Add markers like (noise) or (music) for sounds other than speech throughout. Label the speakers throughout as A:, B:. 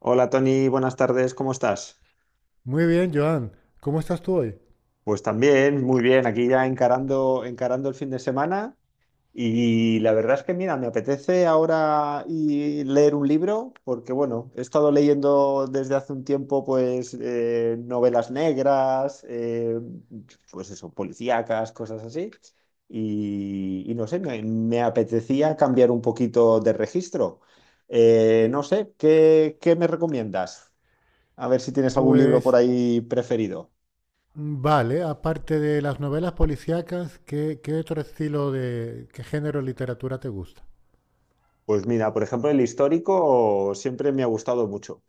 A: Hola Tony, buenas tardes, ¿cómo estás?
B: Muy bien, Joan. ¿Cómo estás tú hoy?
A: Pues también, muy bien, aquí ya encarando, encarando el fin de semana y la verdad es que mira, me apetece ahora y leer un libro porque bueno, he estado leyendo desde hace un tiempo pues novelas negras, pues eso, policíacas, cosas así y no sé, me apetecía cambiar un poquito de registro. No sé, ¿ qué me recomiendas? A ver si tienes algún libro
B: Pues
A: por ahí preferido.
B: vale, aparte de las novelas policíacas, ¿qué otro estilo de, qué género de literatura te gusta?
A: Pues mira, por ejemplo, el histórico siempre me ha gustado mucho.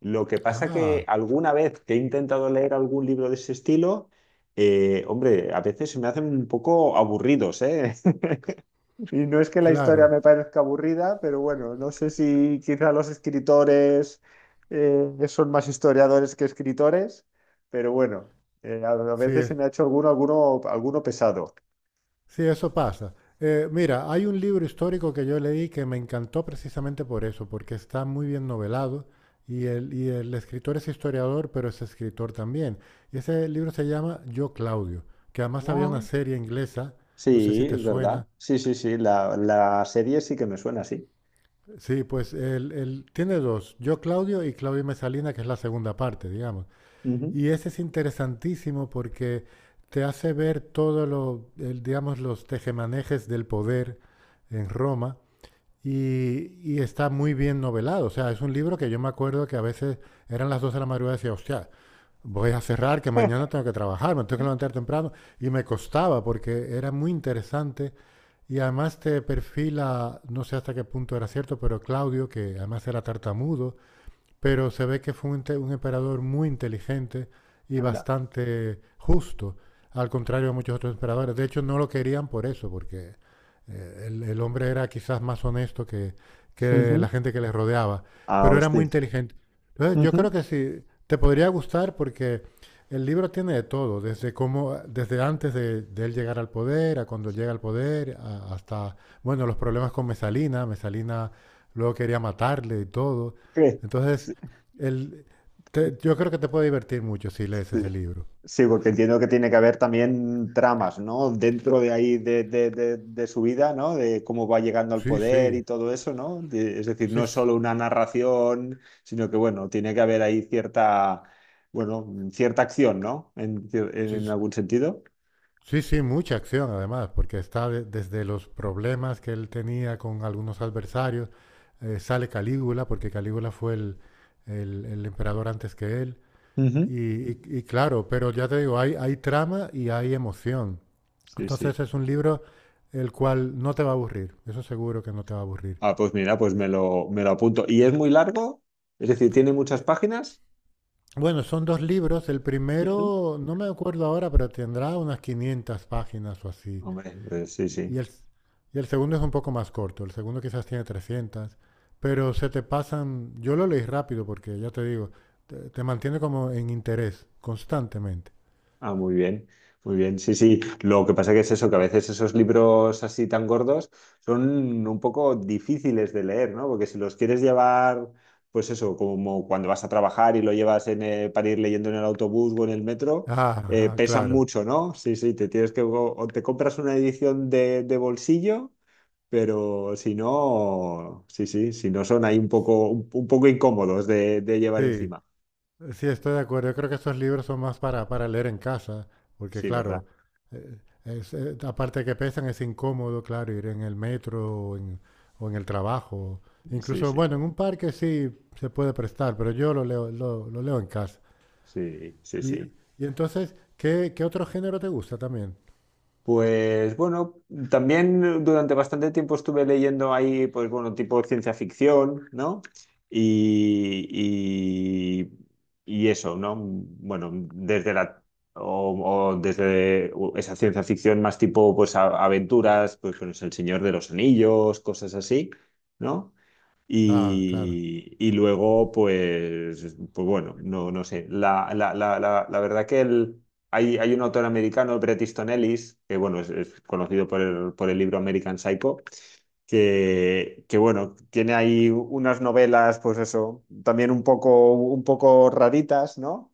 A: Lo que pasa que
B: Ah,
A: alguna vez que he intentado leer algún libro de ese estilo, hombre, a veces se me hacen un poco aburridos, ¿eh? (laughs) Y no es que la historia
B: claro,
A: me parezca aburrida, pero bueno, no sé si quizá los escritores son más historiadores que escritores, pero bueno, a
B: sí,
A: veces se
B: es-
A: me ha hecho alguno pesado.
B: sí, eso pasa. Mira, hay un libro histórico que yo leí que me encantó precisamente por eso, porque está muy bien novelado y el escritor es historiador, pero es escritor también. Y ese libro se llama Yo, Claudio, que además había una serie inglesa, no sé
A: Sí,
B: si te
A: es verdad.
B: suena.
A: Sí, sí, sí. La serie sí que me suena así.
B: Sí, pues él tiene dos, Yo Claudio y Claudio y Mesalina, que es la segunda parte, digamos.
A: Ujú.
B: Y ese es interesantísimo porque te hace ver todo lo, digamos, los tejemanejes del poder en Roma y, y está muy bien novelado. O sea, es un libro que yo me acuerdo que a veces eran las 2 de la madrugada y decía, hostia, voy a cerrar, que mañana
A: (laughs)
B: tengo que trabajar, me tengo que levantar temprano. Y me costaba porque era muy interesante y además te perfila, no sé hasta qué punto era cierto, pero Claudio, que además era tartamudo, pero se ve que fue un emperador muy inteligente y
A: Anda.
B: bastante justo, al contrario de muchos otros emperadores. De hecho, no lo querían por eso, porque el hombre era quizás más honesto que
A: Ujú.
B: la gente que les rodeaba,
A: Ah,
B: pero era
A: hostia.
B: muy inteligente. Entonces, yo
A: Ujú.
B: creo que sí, te podría gustar porque el libro tiene de todo, desde cómo, desde antes de él llegar al poder, a cuando llega al poder, hasta, bueno, los problemas con Mesalina. Mesalina luego quería matarle y todo.
A: ¿Qué?
B: Entonces,
A: Sí,
B: el, yo creo que te puede divertir mucho si lees
A: sí.
B: ese libro.
A: Sí, porque entiendo que tiene que haber también tramas, ¿no? Dentro de ahí de su vida, ¿no? De cómo va llegando al
B: Sí, sí,
A: poder y todo eso, ¿no? Es decir,
B: sí,
A: no es
B: s-
A: solo una narración, sino que, bueno, tiene que haber ahí cierta, bueno, cierta acción, ¿no?
B: sí,
A: En
B: s-
A: algún sentido.
B: sí, sí, mucha acción además, porque está desde los problemas que él tenía con algunos adversarios, sale Calígula, porque Calígula fue el emperador antes que él,
A: Ujú.
B: y claro, pero ya te digo, hay trama y hay emoción.
A: Sí, sí.
B: Entonces es un libro el cual no te va a aburrir, eso seguro que no te va a aburrir.
A: Ah, pues mira, me lo apunto. ¿Y es muy largo? Es decir, ¿tiene muchas páginas?
B: Bueno, son dos libros. El
A: Ujú.
B: primero, no me acuerdo ahora, pero tendrá unas 500 páginas o así.
A: Hombre, pues sí, sí.
B: Y el segundo es un poco más corto. El segundo quizás tiene 300. Pero se te pasan, yo lo leí rápido porque ya te digo, te mantiene como en interés constantemente.
A: Ah, muy bien, muy bien. Sí, sí. Lo que pasa que es eso, que a veces esos libros así tan gordos son un poco difíciles de leer, ¿no? Porque si los quieres llevar, pues eso, como cuando vas a trabajar y lo llevas en, para ir leyendo en el autobús o en el metro,
B: Ah, ah,
A: pesan
B: claro.
A: mucho, ¿no? Sí, sí, o te compras una edición de bolsillo. Pero si no, sí, sí, si no son ahí un poco, un poco incómodos de llevar
B: Sí.
A: encima.
B: Sí, estoy de acuerdo. Yo creo que esos libros son más para leer en casa, porque
A: Sí, ¿verdad?
B: claro, eh, aparte de que pesan, es incómodo, claro, ir en el metro o en el trabajo.
A: Sí,
B: Incluso,
A: sí,
B: bueno, en un parque sí se puede prestar, pero yo lo leo, lo leo en casa.
A: sí, sí,
B: Y,
A: sí.
B: y entonces, ¿qué otro género te gusta también?
A: Pues bueno, también durante bastante tiempo estuve leyendo ahí, pues bueno, tipo ciencia ficción, ¿no? Y, y eso, ¿no? Bueno, o desde esa ciencia ficción más tipo, pues aventuras, pues con El Señor de los Anillos, cosas así, ¿no?
B: Ah, claro.
A: Y luego, pues, pues bueno, no, no sé. La verdad que hay, hay un autor americano, Bret Easton Ellis, que bueno, es conocido por el libro American Psycho, bueno, tiene ahí unas novelas, pues eso, también un poco raritas, ¿no?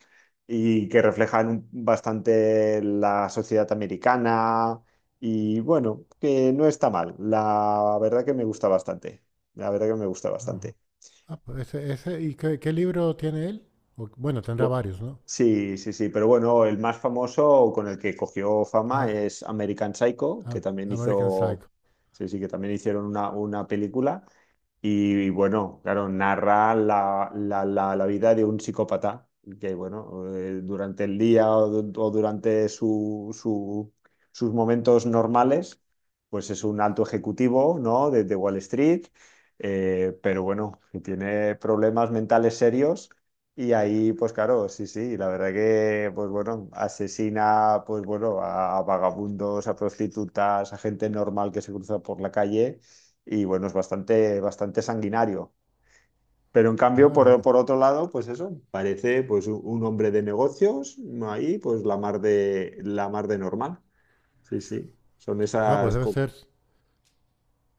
A: Y que reflejan bastante la sociedad americana y bueno, que no está mal. La verdad que me gusta bastante. La verdad que me gusta
B: Ajá.
A: bastante.
B: Ah, pues ¿y qué libro tiene él? O bueno, tendrá
A: Po-
B: varios, ¿no?
A: Sí, sí, sí, pero bueno, el más famoso con el que cogió fama
B: Ah,
A: es American Psycho, que
B: ah,
A: también
B: American
A: hizo,
B: Psycho.
A: sí, sí, que también hicieron una película. Y bueno, claro, narra la vida de un psicópata que, bueno, durante el día o durante sus momentos normales, pues es un alto ejecutivo, ¿no? De Wall Street, pero bueno, que tiene problemas mentales serios. Y ahí, pues claro, sí, sí, la verdad que, pues bueno, asesina, pues bueno, a vagabundos, a prostitutas, a gente normal que se cruza por la calle y bueno, es bastante, bastante sanguinario. Pero en cambio,
B: Madre mía.
A: por otro lado, pues eso, parece pues un hombre de negocios, ahí pues la mar de normal. Sí, sí,
B: Ah, pues debe ser.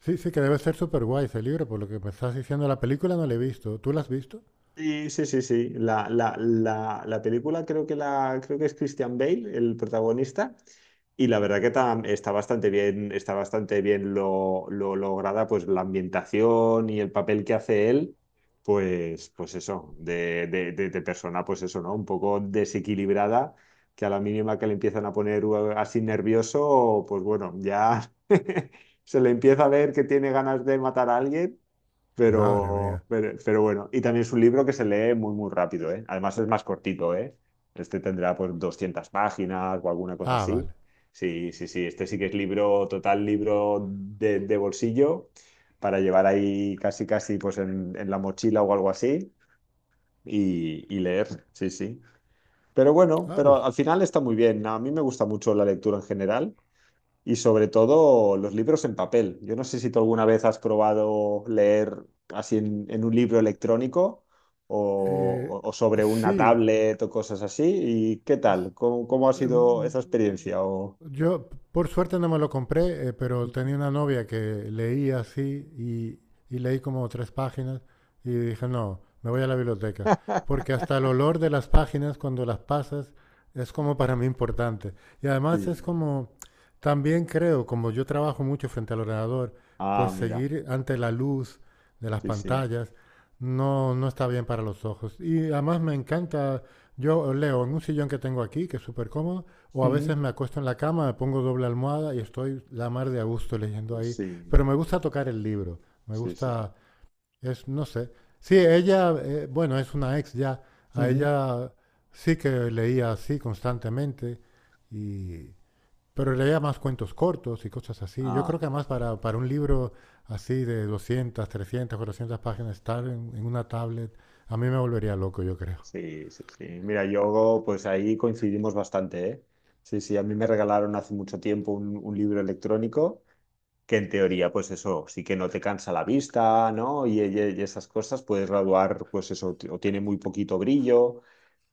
B: Sí, sí, que debe ser súper guay ese libro, por lo que me estás diciendo. La película no la he visto. ¿Tú la has visto?
A: sí, sí, sí, sí. La película creo que la, creo que es Christian Bale, el protagonista. Y la verdad que está bastante bien lo lograda, pues la ambientación y el papel que hace él, pues, pues eso, de persona, pues eso, ¿no? Un poco desequilibrada, que a la mínima que le empiezan a poner así nervioso, pues bueno, ya (laughs) se le empieza a ver que tiene ganas de matar a alguien
B: Madre mía.
A: pero, pero bueno, y también es un libro que se lee muy, muy rápido, ¿eh? Además es más cortito, ¿eh? Este tendrá pues 200 páginas o alguna cosa
B: Ah,
A: así.
B: vale.
A: Sí, sí, sí, este sí que es libro, total libro de bolsillo para llevar ahí casi, casi pues en la mochila o algo así y leer, sí, sí. Pero bueno,
B: Ah,
A: pero
B: pues
A: al final está muy bien. A mí me gusta mucho la lectura en general y sobre todo los libros en papel. Yo no sé si tú alguna vez has probado leer así en un libro electrónico
B: eh,
A: o sobre una
B: sí.
A: tablet o cosas así. ¿Y qué
B: Es-
A: tal? ¿ cómo ha sido
B: mm,
A: esa experiencia? O...
B: Yo, por suerte, no me lo compré, pero tenía una novia que leía así y leí como tres páginas y dije, no, me voy a la biblioteca. Porque
A: (laughs)
B: hasta el olor de las páginas cuando las pasas es como para mí importante. Y además es
A: Sí.
B: como, también creo, como yo trabajo mucho frente al ordenador,
A: Ah,
B: pues
A: mira.
B: seguir ante la luz de las
A: Sí, sí.
B: pantallas no está bien para los ojos. Y además me encanta, yo leo en un sillón que tengo aquí, que es súper cómodo, o a
A: Ujú.
B: veces me acuesto en la cama, me pongo doble almohada y estoy la mar de a gusto leyendo ahí.
A: Sí,
B: Pero me gusta tocar el libro, me
A: sí, sí.
B: gusta, es, no sé. Sí, ella, bueno, es una ex ya, a
A: Ujú.
B: ella sí que leía así constantemente, y, pero leía más cuentos cortos y cosas así. Yo creo
A: Ah,
B: que además para un libro así de 200, 300, 400 páginas, estar en una tablet, a mí me volvería loco, yo creo.
A: sí, sí, sí. Mira, yo pues ahí coincidimos bastante, ¿eh? Sí, sí, a mí me regalaron hace mucho tiempo un libro electrónico que en teoría, pues eso, sí que no te cansa la vista, ¿no? Y, y esas cosas, puedes graduar, pues eso, o tiene muy poquito brillo,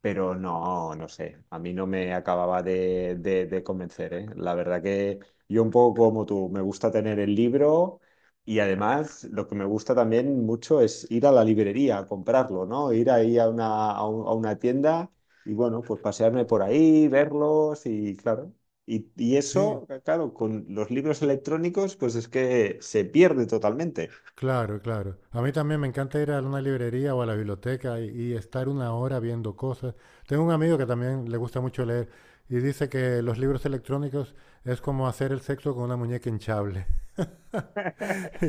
A: pero no, no sé, a mí no me acababa de convencer, ¿eh? La verdad que yo un poco como tú, me gusta tener el libro y además lo que me gusta también mucho es ir a la librería a comprarlo, ¿no? Ir ahí a una, a una tienda y bueno, pues pasearme por ahí, verlos y claro. Y
B: Sí,
A: eso, claro, con los libros electrónicos, pues es que se pierde totalmente.
B: claro, claro. A mí también me encanta ir a una librería o a la biblioteca y estar una hora viendo cosas. Tengo un amigo que también le gusta mucho leer y dice que los libros electrónicos es como hacer el sexo con una muñeca hinchable. (laughs)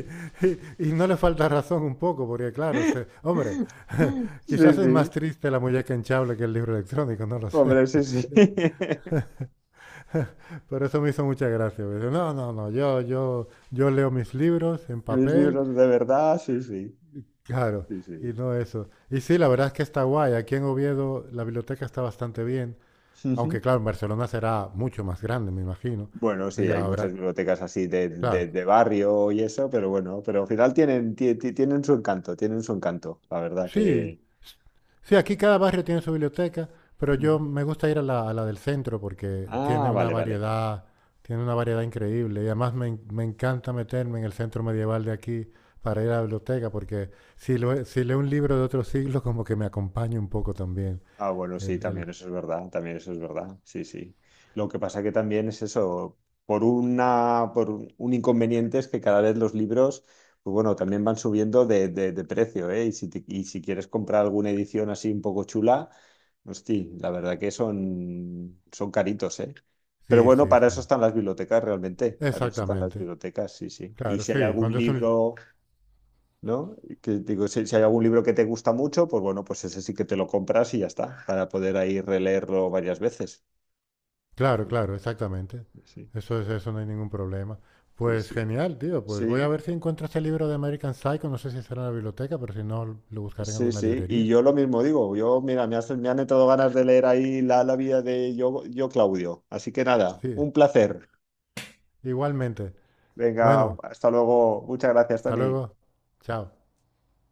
B: Y, y no le falta razón un poco, porque claro,
A: (laughs)
B: hombre, (laughs)
A: Sí,
B: quizás es más
A: sí,
B: triste la muñeca hinchable que el libro electrónico, no lo sé.
A: hombre, sí, sí. (laughs)
B: (laughs) Pero eso me hizo mucha gracia. Me dice, no, no, no, yo leo mis libros en
A: Mis
B: papel.
A: libros de verdad, sí, sí,
B: Claro,
A: sí,
B: y
A: sí.
B: no eso. Y sí, la verdad es que está guay. Aquí en Oviedo la biblioteca está bastante bien, aunque
A: Ujú.
B: claro, en Barcelona será mucho más grande, me imagino.
A: Bueno, sí, hay
B: Allá
A: muchas
B: habrá,
A: bibliotecas así de,
B: claro.
A: de barrio y eso, pero bueno, pero al final tienen, tienen su encanto, la verdad
B: Sí,
A: que...
B: sí, aquí cada barrio tiene su biblioteca, pero
A: Ujú.
B: yo me gusta ir a la del centro porque
A: Ah, vale, vale.
B: tiene una variedad increíble. Y además me, me encanta meterme en el centro medieval de aquí para ir a la biblioteca, porque si, si leo un libro de otro siglo, (laughs) como que me acompaña un poco también.
A: Ah, bueno, sí,
B: El, el,
A: también eso es verdad, también eso es verdad, sí, sí. Lo que pasa que también es eso, por una, por un inconveniente es que cada vez los libros, pues bueno, también van subiendo de, de precio, ¿eh? Y si, y si quieres comprar alguna edición así un poco chula, hostia, la verdad que son, son caritos, ¿eh? Pero
B: sí,
A: bueno,
B: sí,
A: para eso
B: sí.
A: están las bibliotecas realmente, para eso están las
B: Exactamente.
A: bibliotecas, sí, sí. Y
B: Claro,
A: si hay
B: sí.
A: algún
B: Cuando es un...
A: libro... ¿No? Que digo, si, si hay algún libro que te gusta mucho, pues bueno, pues ese sí que te lo compras y ya está, para poder ahí releerlo varias veces. Sí,
B: Claro, claro, exactamente.
A: sí,
B: Eso es eso, no hay ningún problema.
A: sí,
B: Pues
A: sí.
B: genial, tío. Pues voy a
A: Sí,
B: ver si encuentro ese libro de American Psycho. No sé si estará en la biblioteca, pero si no, lo buscaré en
A: sí, sí. Sí,
B: alguna
A: sí. Y
B: librería.
A: yo lo mismo digo, yo, mira, me han entrado ganas de leer ahí la, la vida de yo, yo, Claudio. Así que nada,
B: Sí,
A: un placer.
B: igualmente.
A: Venga,
B: Bueno,
A: hasta luego. Muchas gracias,
B: hasta
A: Tony.
B: luego. Chao.